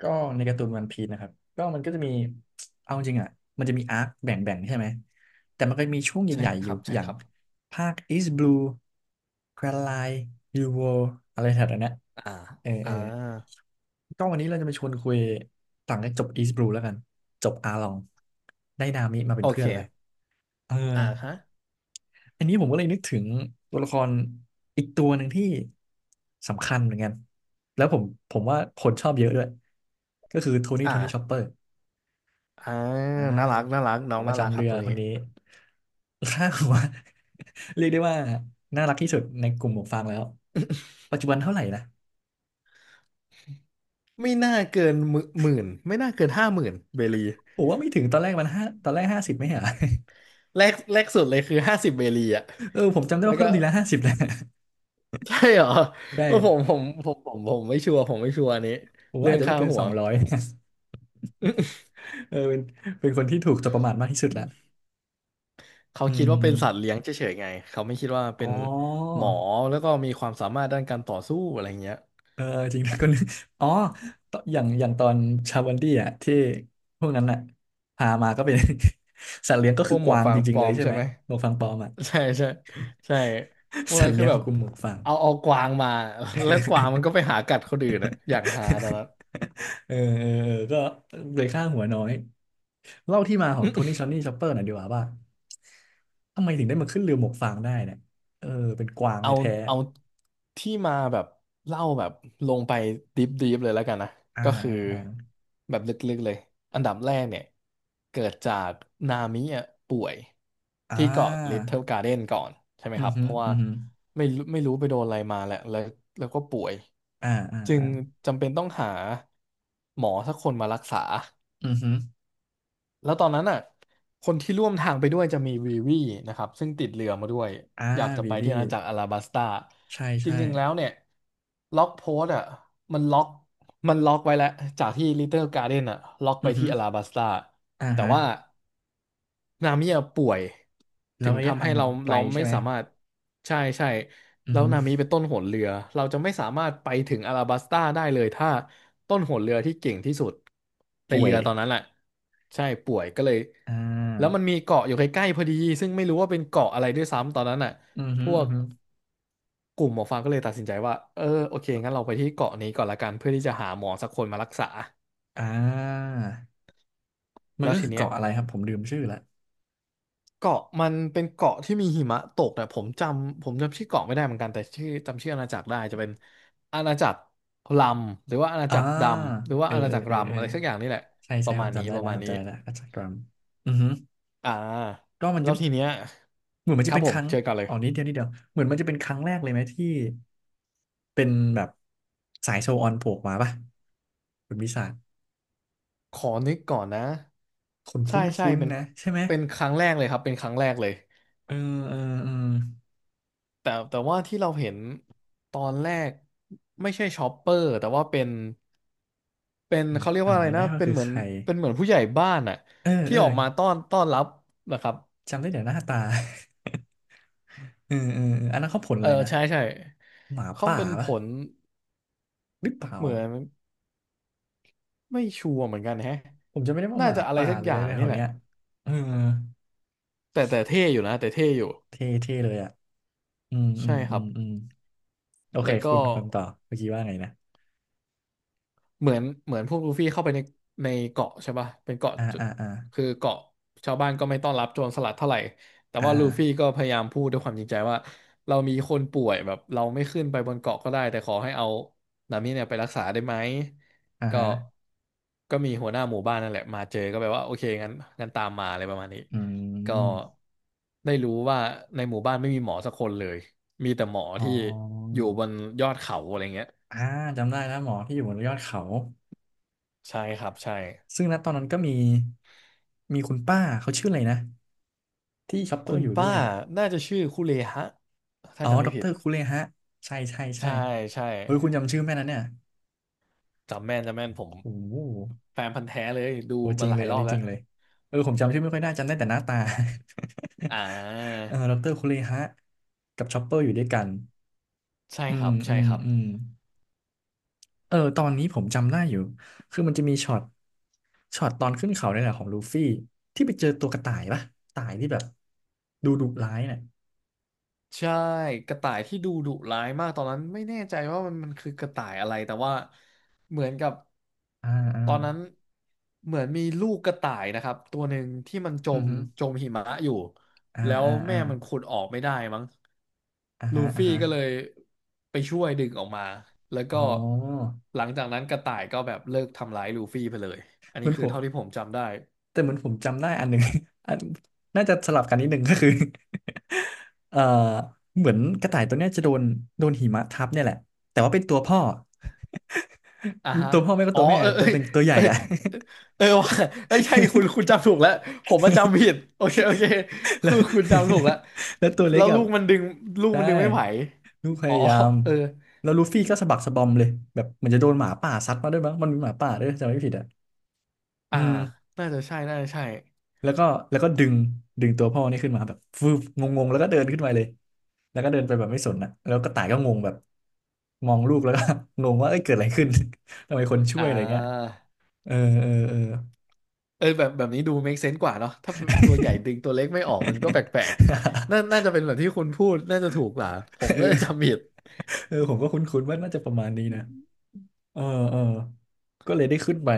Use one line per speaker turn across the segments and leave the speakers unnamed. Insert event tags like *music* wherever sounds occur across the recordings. ก็ในการ์ตูนวันพีซนะครับก็มันก็จะมี *tsk* เอาจริงอ่ะมันจะมีอาร์คแบ่งๆใช่ไหมแต่มันก็มีช่วง
ใช่
ใหญ่ๆอ
ค
ยู่
รับ
อ
ใช่
ย่าง
ครับ
ภาค East Blue Grand Line New World อะไรแถวๆเนี้ย
อ่า
เออเอ
อ่า
อก็วันนี้เราจะมาชวนคุยต่างจากจบ East Blue แล้วกันจบอาลองได้นามิมาเป็
โอ
นเพื่
เค
อนแหละเออ
อ่าฮะ
อันนี้ผมก็เลยนึกถึงตัวละครอีกตัวหนึ่งที่สำคัญเหมือนกันแล้วผมว่าคนชอบเยอะด้วยก็คือโทนี่โทนี่ชอปเป
อ่า
อร์
อ่า
อ้า
น่า
ว
รักน่ารัก
ห
น้
ม
อ
อ
ง
ป
น่า
ระ
รัก
จำ
ค
เรื
รับ
อ
ตัว
ค
นี้
นนี้ *laughs* ค่าหัว *laughs* เรียกได้ว่าน่ารักที่สุดในกลุ่มหมวกฟางแล้วปัจจุบันเท่าไหร่นะ
ไม่น่าเกินหมื่นไม่น่าเกิน50,000 เบลี
ผมว่าไม่ถึงตอนแรกมันห้าตอนแรกห้าสิบไม่เหรอ *laughs*
แรกแรกสุดเลยคือ50 เบลีอ่ะ
เออผมจำได้
แล้
ว่า
วก็
เพิ่มทีละห้าสิบแหละ
ใช่เหรอ
*laughs*
ผม
ใช่
ผมผมผมผมไม่ชัวร์ผมไม่ชัวร์อันนี้
ผมว่า
เรื่อ
อา
ง
จจะไม่
ค่า
เกิน
หั
ส
ว
องร้อย *laughs* เออเป็นคนที่ถูกจับประมาทมากที่สุดละ
*laughs* เขา
อื
คิดว่าเป็นสัตว์
ม
เลี้ยงเฉยๆไงเขาไม่คิดว่า
อมอ๋
เป็นหม
อ
อแล้วก็มีความสามารถด้านการต่อสู้อะไรเงี้ย
เออจริงนะก็นึก *laughs* อ๋อตอย่างตอนชาวันดี้อ่ะที่พวกนั้นอ่ะพามาก็เป็น *laughs* สัตว์เลี้ยงก็
พ
คื
ว
อ
กห
ก
มวก
วาง
ฟา
จ
ง
ริ
ป
งๆ
ล
เล
อ
ย
ม
ใช่
ใช่
ไหม
ไหม
หมวกฟางปลอมอ่ะ
ใช่ใช่ใช่พว
*laughs*
ก
สั
นั้
ต
น
ว์
คื
เลี้
อ
ยง
แบ
ขอ
บ
งกลุ่มหมวกฟาง
เอากวางมา *laughs* แล้วกวางมันก็ไปหากัดคนอื่นอะอย่างหาตอนนั้
*laughs*
น
เออเออเออก็เลยค่าหัวน้อยเล่าที่มาของโทนี่ชอนนี่ชอปเปอร์หน่อยดีกว่าว่าทำไมถึงได้มาขึ้นเรือหมวกฟางได้เนี่ยเออเป็นกวาง
เอา
แท้
เอาที่มาแบบเล่าแบบลงไปดิฟดิฟเลยแล้วกันนะ
ๆอ่า
ก็คือ
อ่าอ่า
แบบลึกๆเลยอันดับแรกเนี่ยเกิดจากนามิอ่ะป่วย
อ่
ที่เกาะลิ t
า
เทิลการ์เด้นก่อนใช่ไหม
อื
ค
อ
รับ
ฮึ
เพราะว่า
อือฮึ
ไม่รู้ไปโดนอะไรมาแหละแล้วก็ป่วย
อ่าอ่า
จึง
อ่า
จำเป็นต้องหาหมอสักคนมารักษา
อือฮึ
แล้วตอนนั้นอ่ะคนที่ร่วมทางไปด้วยจะมีวีวีนะครับซึ่งติดเรือมาด้วย
อ่า
อยากจะ
วี
ไป
วี
ที่อาณาจักรอาราบัสตา
ใช่
จ
ใช่
ริงๆ แล้วเนี่ยล็อกโพสต์อ่ะมันล็อกมันล็อกไว้แล้วจากที่ Little Garden อ่ะล็อก
อื
ไป
อฮึ
ที่อลาบัสตา
อ่า
แต่
ฮะ
ว่านามิอะป่วย
แล้
ถึ
ว
ง
ระยะ
ทำ
ทา
ให้
งมั
เรา
นไกล
เรา
ใช่
ไม่
ไหม
สามารถใช่ใช่
อือ
แล้ว
ฮึ
นามิเป็นต้นหนเรือเราจะไม่สามารถไปถึงอลาบัสตาได้เลยถ้าต้นหนเรือที่เก่งที่สุดใน
ป่ว
เรื
ย
อตอนนั้นแหละใช่ป่วยก็เลย
อ่
แล้วมั
า
นมีเกาะอยู่ใกล้ๆพอดีซึ่งไม่รู้ว่าเป็นเกาะอะไรด้วยซ้ำตอนนั้นอ่ะ
อือ
พ
ฮึ
ว
อือ
ก
ฮึ
กลุ่มหมอฟังก็เลยตัดสินใจว่าเออโอเคงั้นเราไปที่เกาะนี้ก่อนละกันเพื่อที่จะหาหมอสักคนมารักษา
อ่ามัน
แล้ว
ก็
ที
คือ
เนี้ย
เกาะอะไรครับ ผมลืมชื่อละ
เกาะมันเป็นเกาะที่มีหิมะตกแต่ผมจำชื่อเกาะไม่ได้เหมือนกันแต่จำชื่ออาณาจักรได้จะเป็นอาณาจักรลำหรือว่าอาณา
อ่า
จักรดำหรือว่า
เออ
อาณา
เออ
จักร
เออเอ
รำ
อ
อะไรสักอย่างนี่แหละ
ใช่
ป
ใช่
ระ
ผ
มาณ
ม
นี้
จำได้
ประ
แล้ว
มาณ
ผม
นี้
จำได้แล้วอัจฉริยะอือฮึ
อ่า
ก็มัน
แล้
จะ
วทีเนี้ย
เหมือนมัน
ค
จะ
รับ
เป็น
ผ
ค
ม
รั้ง
เชิญก่อนเลย
อ๋อนิดเดียวนิดเดียวเหมือนมันจะเป็นครั้งแรกเลยไหมที่เป็นแบบสายโชว์ออนโผล่ออกมาป่ะคุณวิสา
ขอนึกก่อนนะ
คุณค
ใช่ใช่
ุ้น
เป็น
ๆนะใช่ไหม
เป็นครั้งแรกเลยครับเป็นครั้งแรกเลย
เออเออเออ
แต่ว่าที่เราเห็นตอนแรกไม่ใช่ชอปเปอร์แต่ว่าเป็นเขาเรียกว่า
จำ
อะไร
ไม่ได้
นะ
ว่า
เป็น
คือ
เหมือ
ใค
น
ร
เป็นเหมือนผู้ใหญ่บ้านอะ
เออ
ที่
เออ
ออกมาต้อนรับนะครับ
จำได้แต่หน้าตา *laughs* เออเออเอออันนั้นเขาผล
เอ
อะ
อ
ไรนะ
ใช่ใช่
หมา
เขา
ป่า
เป็นผ
ปะ
ล
หรือเปล่า
เหมื
อ่ะ
อนไม่ชัวร์เหมือนกันแฮะ
ผมจะไม่ได้ว่าห
น่า
มา
จะอะไร
ป่า
สัก
หรือ
อ
อะ
ย่า
ไร
ง
แถ
นี่
ว
แหละ
เนี้ยเออ
แต่เท่อยู่นะแต่เท่อยู่
เท่เท่เลยอ่ะอืมอื
ใช่
ม
ค
อื
รับ
มอืมโอเค
แล้ว
คุ
ก็
ณคุณต่อเมื่อกี้ว่าไงนะ
เหมือนพวกลูฟี่เข้าไปในเกาะใช่ป่ะเป็นเกาะ
อ่า
จุด
อ่าอ่า
คือเกาะชาวบ้านก็ไม่ต้อนรับโจรสลัดเท่าไหร่แต่
อ
ว่าลูฟี่
่า
ก็พยายามพูดด้วยความจริงใจว่าเรามีคนป่วยแบบเราไม่ขึ้นไปบนเกาะก็ได้แต่ขอให้เอานามิเนี่ยไปรักษาได้ไหม
อ่า
ก็
ฮะ
ก็มีหัวหน้าหมู่บ้านนั่นแหละมาเจอก็แบบว่าโอเคงั้นตามมาอะไรประมาณนี้
อื
ก็
ม
ได้รู้ว่าในหมู่บ้านไม่มีหมอสักคนเลยมีแต่หมอ
อ๋อ
ที่อยู่บนยอดเขาอะไรเงี้ย
อ่าจำได้แล้วหมอที่อยู่บนยอดเขา
ใช่ครับใช่
ซึ่งณตอนนั้นก็มีคุณป้าเขาชื่ออะไรนะที่ช็อปเปอ
คุ
ร์
ณ
อยู่ด้
ป้า
วย
น่าจะชื่อคุเลฮะถ้า
อ๋อ
จำ
ด
ไม่
อกเต
ผิ
อ
ด
รคุเรฮะใช่ใช่ใช่
ใช่ใช่
เฮ้ยคุณจำชื่อแม่นั้นเนี่ย
จำแม่นจำแม่นผม
โอ้โห
แฟนพันธุ์แท้เลยดู
โอ้จ
มา
ริง
ห
เล
ลาย
ยอั
ร
น
อบ
นี้จ
แล้
ริ
ว
งเลยเออผมจำชื่อไม่ค่อยได้จำได้แต่หน้าตา
อ่า
*laughs* เออดอกเตอรคุเรฮะกับชอปเปอร์อยู่ด้วยกัน
ใช่
อื
ค
ม
รับ
อื
ใช่
ม
ครับ
อืมเออตอนนี้ผมจำได้อยู่คือมันจะมีช็อตตอนขึ้นเขาเนี่ยแหละของลูฟี่ที่ไปเจอตัวกระต่ายปะกระต่ายที่แบบดูดุร้ายเนี่ย
ใช่กระต่ายที่ดูดุร้ายมากตอนนั้นไม่แน่ใจว่ามันคือกระต่ายอะไรแต่ว่าเหมือนกับ
อ่าอ่า
ตอนนั้นเหมือนมีลูกกระต่ายนะครับตัวหนึ่งที่มันจ
อือ
ม
ฮึ
จมหิมะอยู่
อ่า
แล้ว
อ่า
แม่
อ่า
มันขุดออกไม่ได้มั้ง
อ่า
ลู
ฮะอ่า
ฟี่
ฮะ
ก็เลยไปช่วยดึงออกมาแล้วก็
อ๋อ
หลังจากนั้นกระต่ายก็แบบเลิกทำร้ายลูฟี่ไปเลยอัน
เหมื
นี้
อน
คื
ผ
อ
ม
เท่าที่ผมจำได้
แต่เหมือนผมจำได้อันหนึ่ง *laughs* อันน่าจะสลับกันนิดหนึ่ง *laughs* ก็คือ *laughs* เอ่อเหมือนกระต่ายตัวเนี้ยจะโดนหิมะทับเนี่ยแหละแต่ว่าเป็นตัวพ่อ
อ่าฮะ
ตัวพ่อไม่ก็
อ๋อ
ตัวแม่
เออ
แต่เป็นตัวใหญ่
เออ
อะ
เออเออว่ะไม่ใช่คุณ
*laughs*
จำถูกแล้วผมมนจำผิดโอเคโอเค
แล้ว
คือคุณจำถูกแล้ว
*laughs* แล้วตัวเล็
แล้
ก
ว
อะ
ลูกมันดึงลูก
ใช่
มันดึงไม่ไหว
ลูกพ
อ๋อ
ยายาม
เออ
แล้วลูฟี่ก็สะบักสะบอมเลยแบบเหมือนจะโดนหมาป่าซัดมาด้วยมั้งมันมีหมาป่าด้วยถ้าจำไม่ผิดอะอื
อ่า
ม
น่าจะใช่น่าจะใช่
แล้วก็ดึงตัวพ่อนี่ขึ้นมาแบบฟืบงงๆแล้วก็เดินขึ้นมาเลยแล้วก็เดินไปแบบไม่สนนะแล้วกระต่ายก็งงแบบมองลูกแล้วก็ *laughs* งงว่าเอ้ยเกิดอะไรขึ้น *laughs* ทำไมคนช่ว
อ่
ยอะไรเงี้ย
า
เออเออเออ
เออแบบนี้ดู make sense กว่าเนาะถ้าตัวใหญ่ดึงตัวเล็กไม่ออกมันก็แปลกๆน่า
*laughs*
น่าจะเป็นแบบที่คุณพูดน่าจะถูกกว่าผม
เอ
น่า
อ
จะจำผิด
เออผมก็คุ้นๆว่าน่าจะประมาณนี้นะเออเออก็เลยได้ขึ้นไป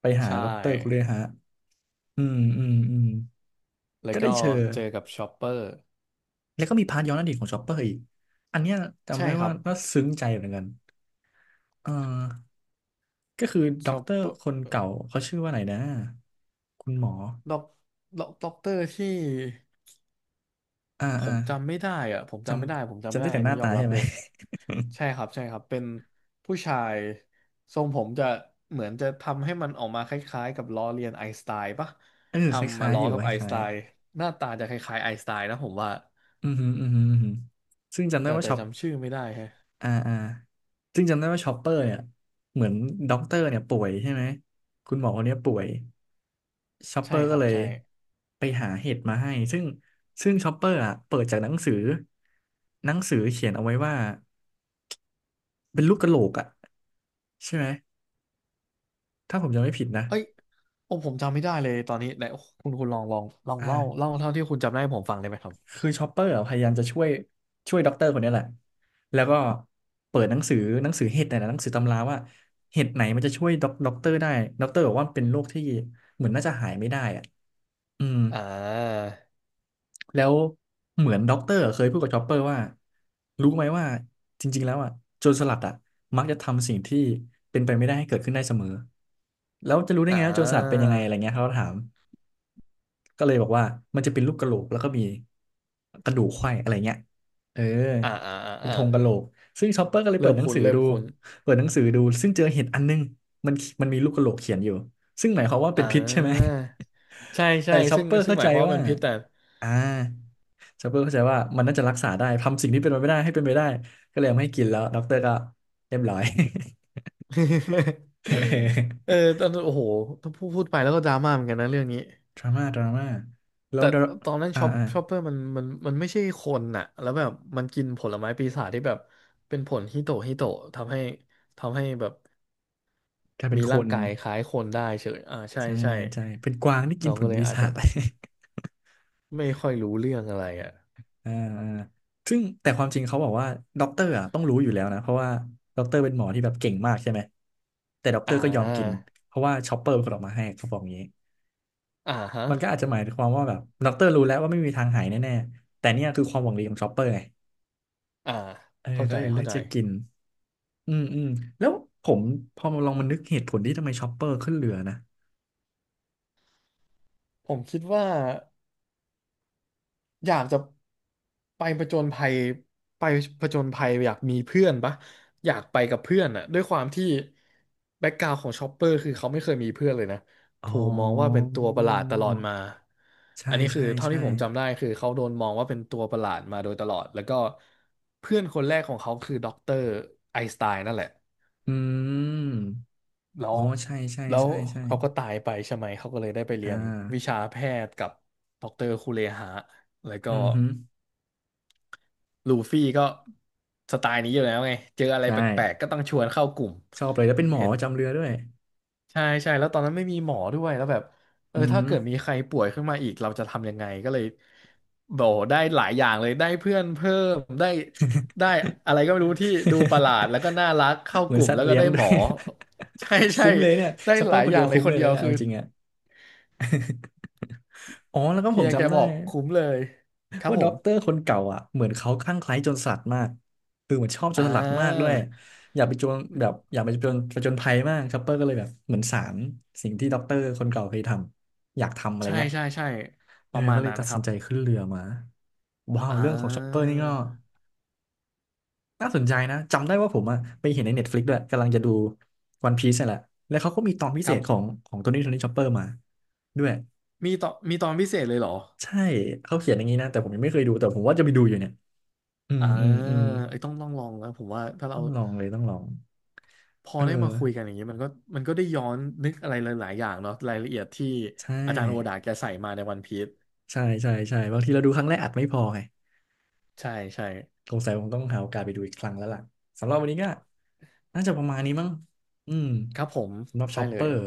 ไปหา
ใช
ดอกเตอรคุเร
่
ฮะอืมอืมอืม
แล้ว
ก็ได้
ก็
เจอ
เจอกับชอปเปอร์
แล้วก็มีพาร์ทย้อนอดีตของชอปเปอร์อีกอันเนี้ยจำ
ใช่
ได้
ครั
ว่า
บ
น่าซึ้งใจเหมือนกันเออ ก็คือด็
ช
อก
อป
เตอ
เป
ร์
อร์
คนเก่าเขาชื่อว่าอะไรนะคุณหมอ
ด็อกด็อกเตอร์ที่
อ่า
ผ
อ่า
มจำไม่ได้อะผม
จ
จำไม่ได้ผม
ำ
จำ
จำ
ไม่
ได้
ได้
แต่
อั
ห
น
น้า
นี้ยอ
ตา
มรั
ใช่
บ
ไหม
เลย
*laughs*
ใช่ครับใช่ครับเป็นผู้ชายทรงผมจะเหมือนจะทำให้มันออกมาคล้ายๆกับล้อเลียนไอน์สไตน์ปะ
เออค
ทำมา
ล้าย
ล้
ๆอ
อ
ยู่
กับ
ค
ไอน์ส
ล้า
ไต
ย
น์หน้าตาจะคล้ายๆไอน์สไตน์นะผมว่า
ๆอือหืออือหืออือหือซึ่งจำได้
แต่
ว่า
แต่
ช็อป
จำชื่อไม่ได้แฮะ
อ่าอ่าซึ่งจำได้ว่าช็อปเปอร์เนี่ยเหมือนด็อกเตอร์เนี่ยป่วยใช่ไหมคุณหมอคนเนี้ยป่วยช็อปเป
ใช่
อร์
ค
ก็
รับ
เลย
ใช่
ไปหาเห็ดมาให้ซึ่งช็อปเปอร์อ่ะเปิดจากหนังสือเขียนเอาไว้ว่าเป็นลูกกะโหลกอ่ะใช่ไหมถ้าผมจำไม่ผิดนะ
เอ้ยโอ้ผมจำไม่ได้เลยตอนนี้ไหนโอ้คุณคุณลอง
อ่
เล่า
า
เท่าที่คุณจำได้ให้ผมฟังได้ไหมครับ
คือชอปเปอร์อะพยายามจะช่วยด็อกเตอร์คนนี้แหละ แล้วก็เปิดหนังสือเห็ดเนี่ยนะหนังสือตำราว่าเห็ดไหนมันจะช่วยด็อกเตอร์ได้ ด็อกเตอร์บอกว่าเป็นโรคที่เหมือนน่าจะหายไม่ได้อะอืม
อ่า
แล้วเหมือนด็อกเตอร์เคยพูดกับชอปเปอร์ว่ารู้ไหมว่าจริงๆแล้วอ่ะโจรสลัดอ่ะมักจะทำสิ่งที่เป็นไปไม่ได้ให้เกิดขึ้นได้เสมอแล้วจะรู้ได้
อ่
ไงว่าโจรสลัดเป็นยั
า
งไงอะไรเงี้ยเขาก็ถาม ก็เลยบอกว่ามันจะเป็นรูปกะโหลกแล้วก็มีกระดูกไขว้อะไรเงี้ยเออ
อ่าอ่า
เป็น
อ่า
ธงกะโหลกซึ่งชอปเปอร์ก็เลยเปิ
เริ่
ด
ม
หนัง
คุ้น
สือ
เริ่
ดู
มคุ้น
เปิดหนังสือดูซึ่งเจอเห็ดอันนึงมันมันมีลูกกะโหลกเขียนอยู่ซึ่งหมายความว่าเป็
อ่
นพิษใช่ไหม
า ใช่
*laughs* แต่
ใช่
ชอป
ซึ่ง
เปอร์
ซึ่ง
เข้า
ห
ใจ
มายความว่า
ว่า
เป็นพิษแต่
อ่าชอปเปอร์เข้าใจว่ามันน่าจะรักษาได้ทำสิ่งที่เป็นไปไม่ได้ให้เป็นไปได้ก็เลยเอามาให้กินแล้วด็อกเตอร์ก็เรียบร้อย
*laughs* เออ
*laughs*
ตอนนั้นโอ้โหถ้าพูดไปแล้วก็ดราม่าเหมือนกันนะเรื่องนี้
ดราม่าดราม่าแล้
แต่
วดรา
ตอนนั้น
อ่า
ช็อป
อ่า
ช็อปเปอร์มันไม่ใช่คนน่ะแล้วแบบมันกินผลไม้ปีศาจที่แบบเป็นผลฮิโตะฮิโตะทำให้ทำให้แบบ
กลายเป็
มี
นค
ร่าง
น
กายคล้ายคนได้เฉยอ่า ใช่
ใช่
ใช่
ใช่เป็นกวางที่กิ
น้
น
อง
ผ
ก็
ล
เลย
ปี
อาจ
ศา
จะ
จ *laughs*
ไม่ค่อยรู้เรื่องอะไรอ่ะ
อ่า *laughs* อ่าซึ่งแต่ความจริงเขาบอกว่าด็อกเตอร์อ่ะต้องรู้อยู่แล้วนะเพราะว่าด็อกเตอร์เป็นหมอที่แบบเก่งมากใช่ไหมแต่ด็อกเต
อ่
อร์ก็ยอมกิน
า
เพราะว่าชอปเปอร์เป็นคนออกมาให้เขาบอกอย่างนี้
อ่าฮะ
มันก็อาจจะหมายความว่าแบบด็อกเตอร์รู้แล้วว่าไม่มีทางหายแน่ๆแต่เนี่ยคือความหวังดีของชอปเปอร์ไง
อ่า
เออ
เข้า
ก็
ใจ
เลยเลื
เข้า
อก
ใจ
จะกินอืมอืมแล้วผมพอมาลองมานึกเหตุผลที่ทำไมชอปเปอร์ขึ้นเรือนะ
ผมคิดว่าอยากจะไปผจญภัยไปผจญภัยอยากมีเพื่อนปะอยากไปกับเพื่อนอะด้วยความที่แบ็กกราวของชอปเปอร์คือเขาไม่เคยมีเพื่อนเลยนะ
อ๋
ถู
อ
กมองว่าเป็นตัวประหลาดตลอดมา
ใช่
อันนี้คือ
ใช่
เท่า
ใช่
ที่ผมจำได้คือเขาโดนมองว่าเป็นตัวประหลาดมาโดยตลอดแล้วก็เพื่อนคนแรกของเขาคือด็อกเตอร์ไอน์สไตน์นั่นแหละ
อืม
แล้
อ๋อ
ว
ใช่ใช่
แล้ว
ใช่ใช่
เขาก็ตายไปใช่ไหมเขาก็เลยได้ไป
อ่
เรียนวิชา
า
แพทย์กับด็อกเตอร์คูเลหะแล้วก็
อือฮึ
ลูฟี่ก็สไตล์นี้อยู่แล้วไงเจออะไร
ใช่
แปลกๆก็ต้องชวนเข้ากลุ่ม
ชอบเลยแล้วเป็นหมอ
เห็น
ประจำเรือด้วย
ใช่ใช่แล้วตอนนั้นไม่มีหมอด้วยแล้วแบบเอ
อื
อ
อ
ถ้า
ฮึ
เกิดมีใครป่วยขึ้นมาอีกเราจะทำยังไงก็เลยบอกได้หลายอย่างเลยได้เพื่อนเพิ่มได้ได้อะไรก็ไม่รู้ที่ดูประหลาด
*laughs*
แล้วก็น่ารักเข้า
เหมื
ก
อน
ลุ่ม
สัต
แล้
ว์
วก็
เลี้ยง
ได้
ด้
หม
วย
อใช่
*laughs*
ใช่
คุ้มเลยเนี่ย
ได้
ชัปเป
ห
อ
ลา
ร์
ย
คน
อ
เดี
ย่า
ย
ง
ว
เลย
คุ้ม
ค
เล
น
ย
เดีย
นะ
ว
เนี่ยเอา
คือ
จริงอะอ๋อแล้วก็ผ
เฮี
ม
ยแก
จำได้
บอกคุ้มเลยครับ
ว่า
ผ
ด็อ
ม
กเตอร์คนเก่าอ่ะเหมือนเขาคลั่งไคล้โจรสลัดมากคือเหมือนชอบโจร
อ่
สลัดมากด้
า
วยอยากไปโจรแบบอยากไปโจรผจญภัยมากชัปเปอร์ก็เลยแบบเหมือนสารสิ่งที่ด็อกเตอร์คนเก่าเคยทำอยากทำอะไร
ใช่
เงี้ย
ใช่ใช่
เอ
ป
อ
ระมา
ก็
ณ
เลย
นั้น
ตัด
ค
สิ
รั
น
บ
ใจขึ้นเรือมาว้าว
อ่
เรื่องของชอปเปอร์นี่ก็
า
น่าสนใจนะจำได้ว่าผมอะไปเห็นใน Netflix ด้วยกำลังจะดูวันพีซนี่แหละแล้วเขาก็มีตอนพิ
ค
เศ
รั
ษของ
บ
ของโทนี่โทนี่ชอปเปอร์มาด้วย
มีตอนพิเศษเลยเหรอ
ใช่เขาเขียนอย่างนี้นะแต่ผมยังไม่เคยดูแต่ผมว่าจะไปดูอยู่เนี่ยอืม
อ่า
อืมอืม
ไอ้ยต้องลองแล้วผมว่าถ้าเรา
ต้องลองเลยต้องลอง
พอ
เออ
ได้มาคุยกันอย่างนี้มันก็มันก็ได้ย้อนนึกอะไรหลายๆอย่างเนาะรายละเอียดที่
ใช่
อาจารย์โอดาแกใส่มาในวันพีซ
ใช่ใช่ใช่บางทีเราดูครั้งแรกอาจไม่พอไง
ใช่ใช่
สงสัยคงต้องหาโอกาสไปดูอีกครั้งแล้วล่ะสำหรับวันนี้ก็น่าจะประมาณนี้มั้งอืม
ครับผม
สำหรับช็
ได้
อป
เล
เปอ
ย
ร์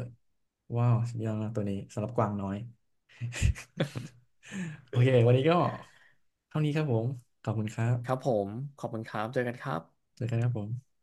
ว้าวสุดยอดมากตัวนี้สำหรับกวางน้อย *laughs* โอเควันนี้ก็เท่านี้ครับผมขอบคุณครั
ครับ
บ
ผมขอบคุณครับเจอกันครับ
เจอกันครับผม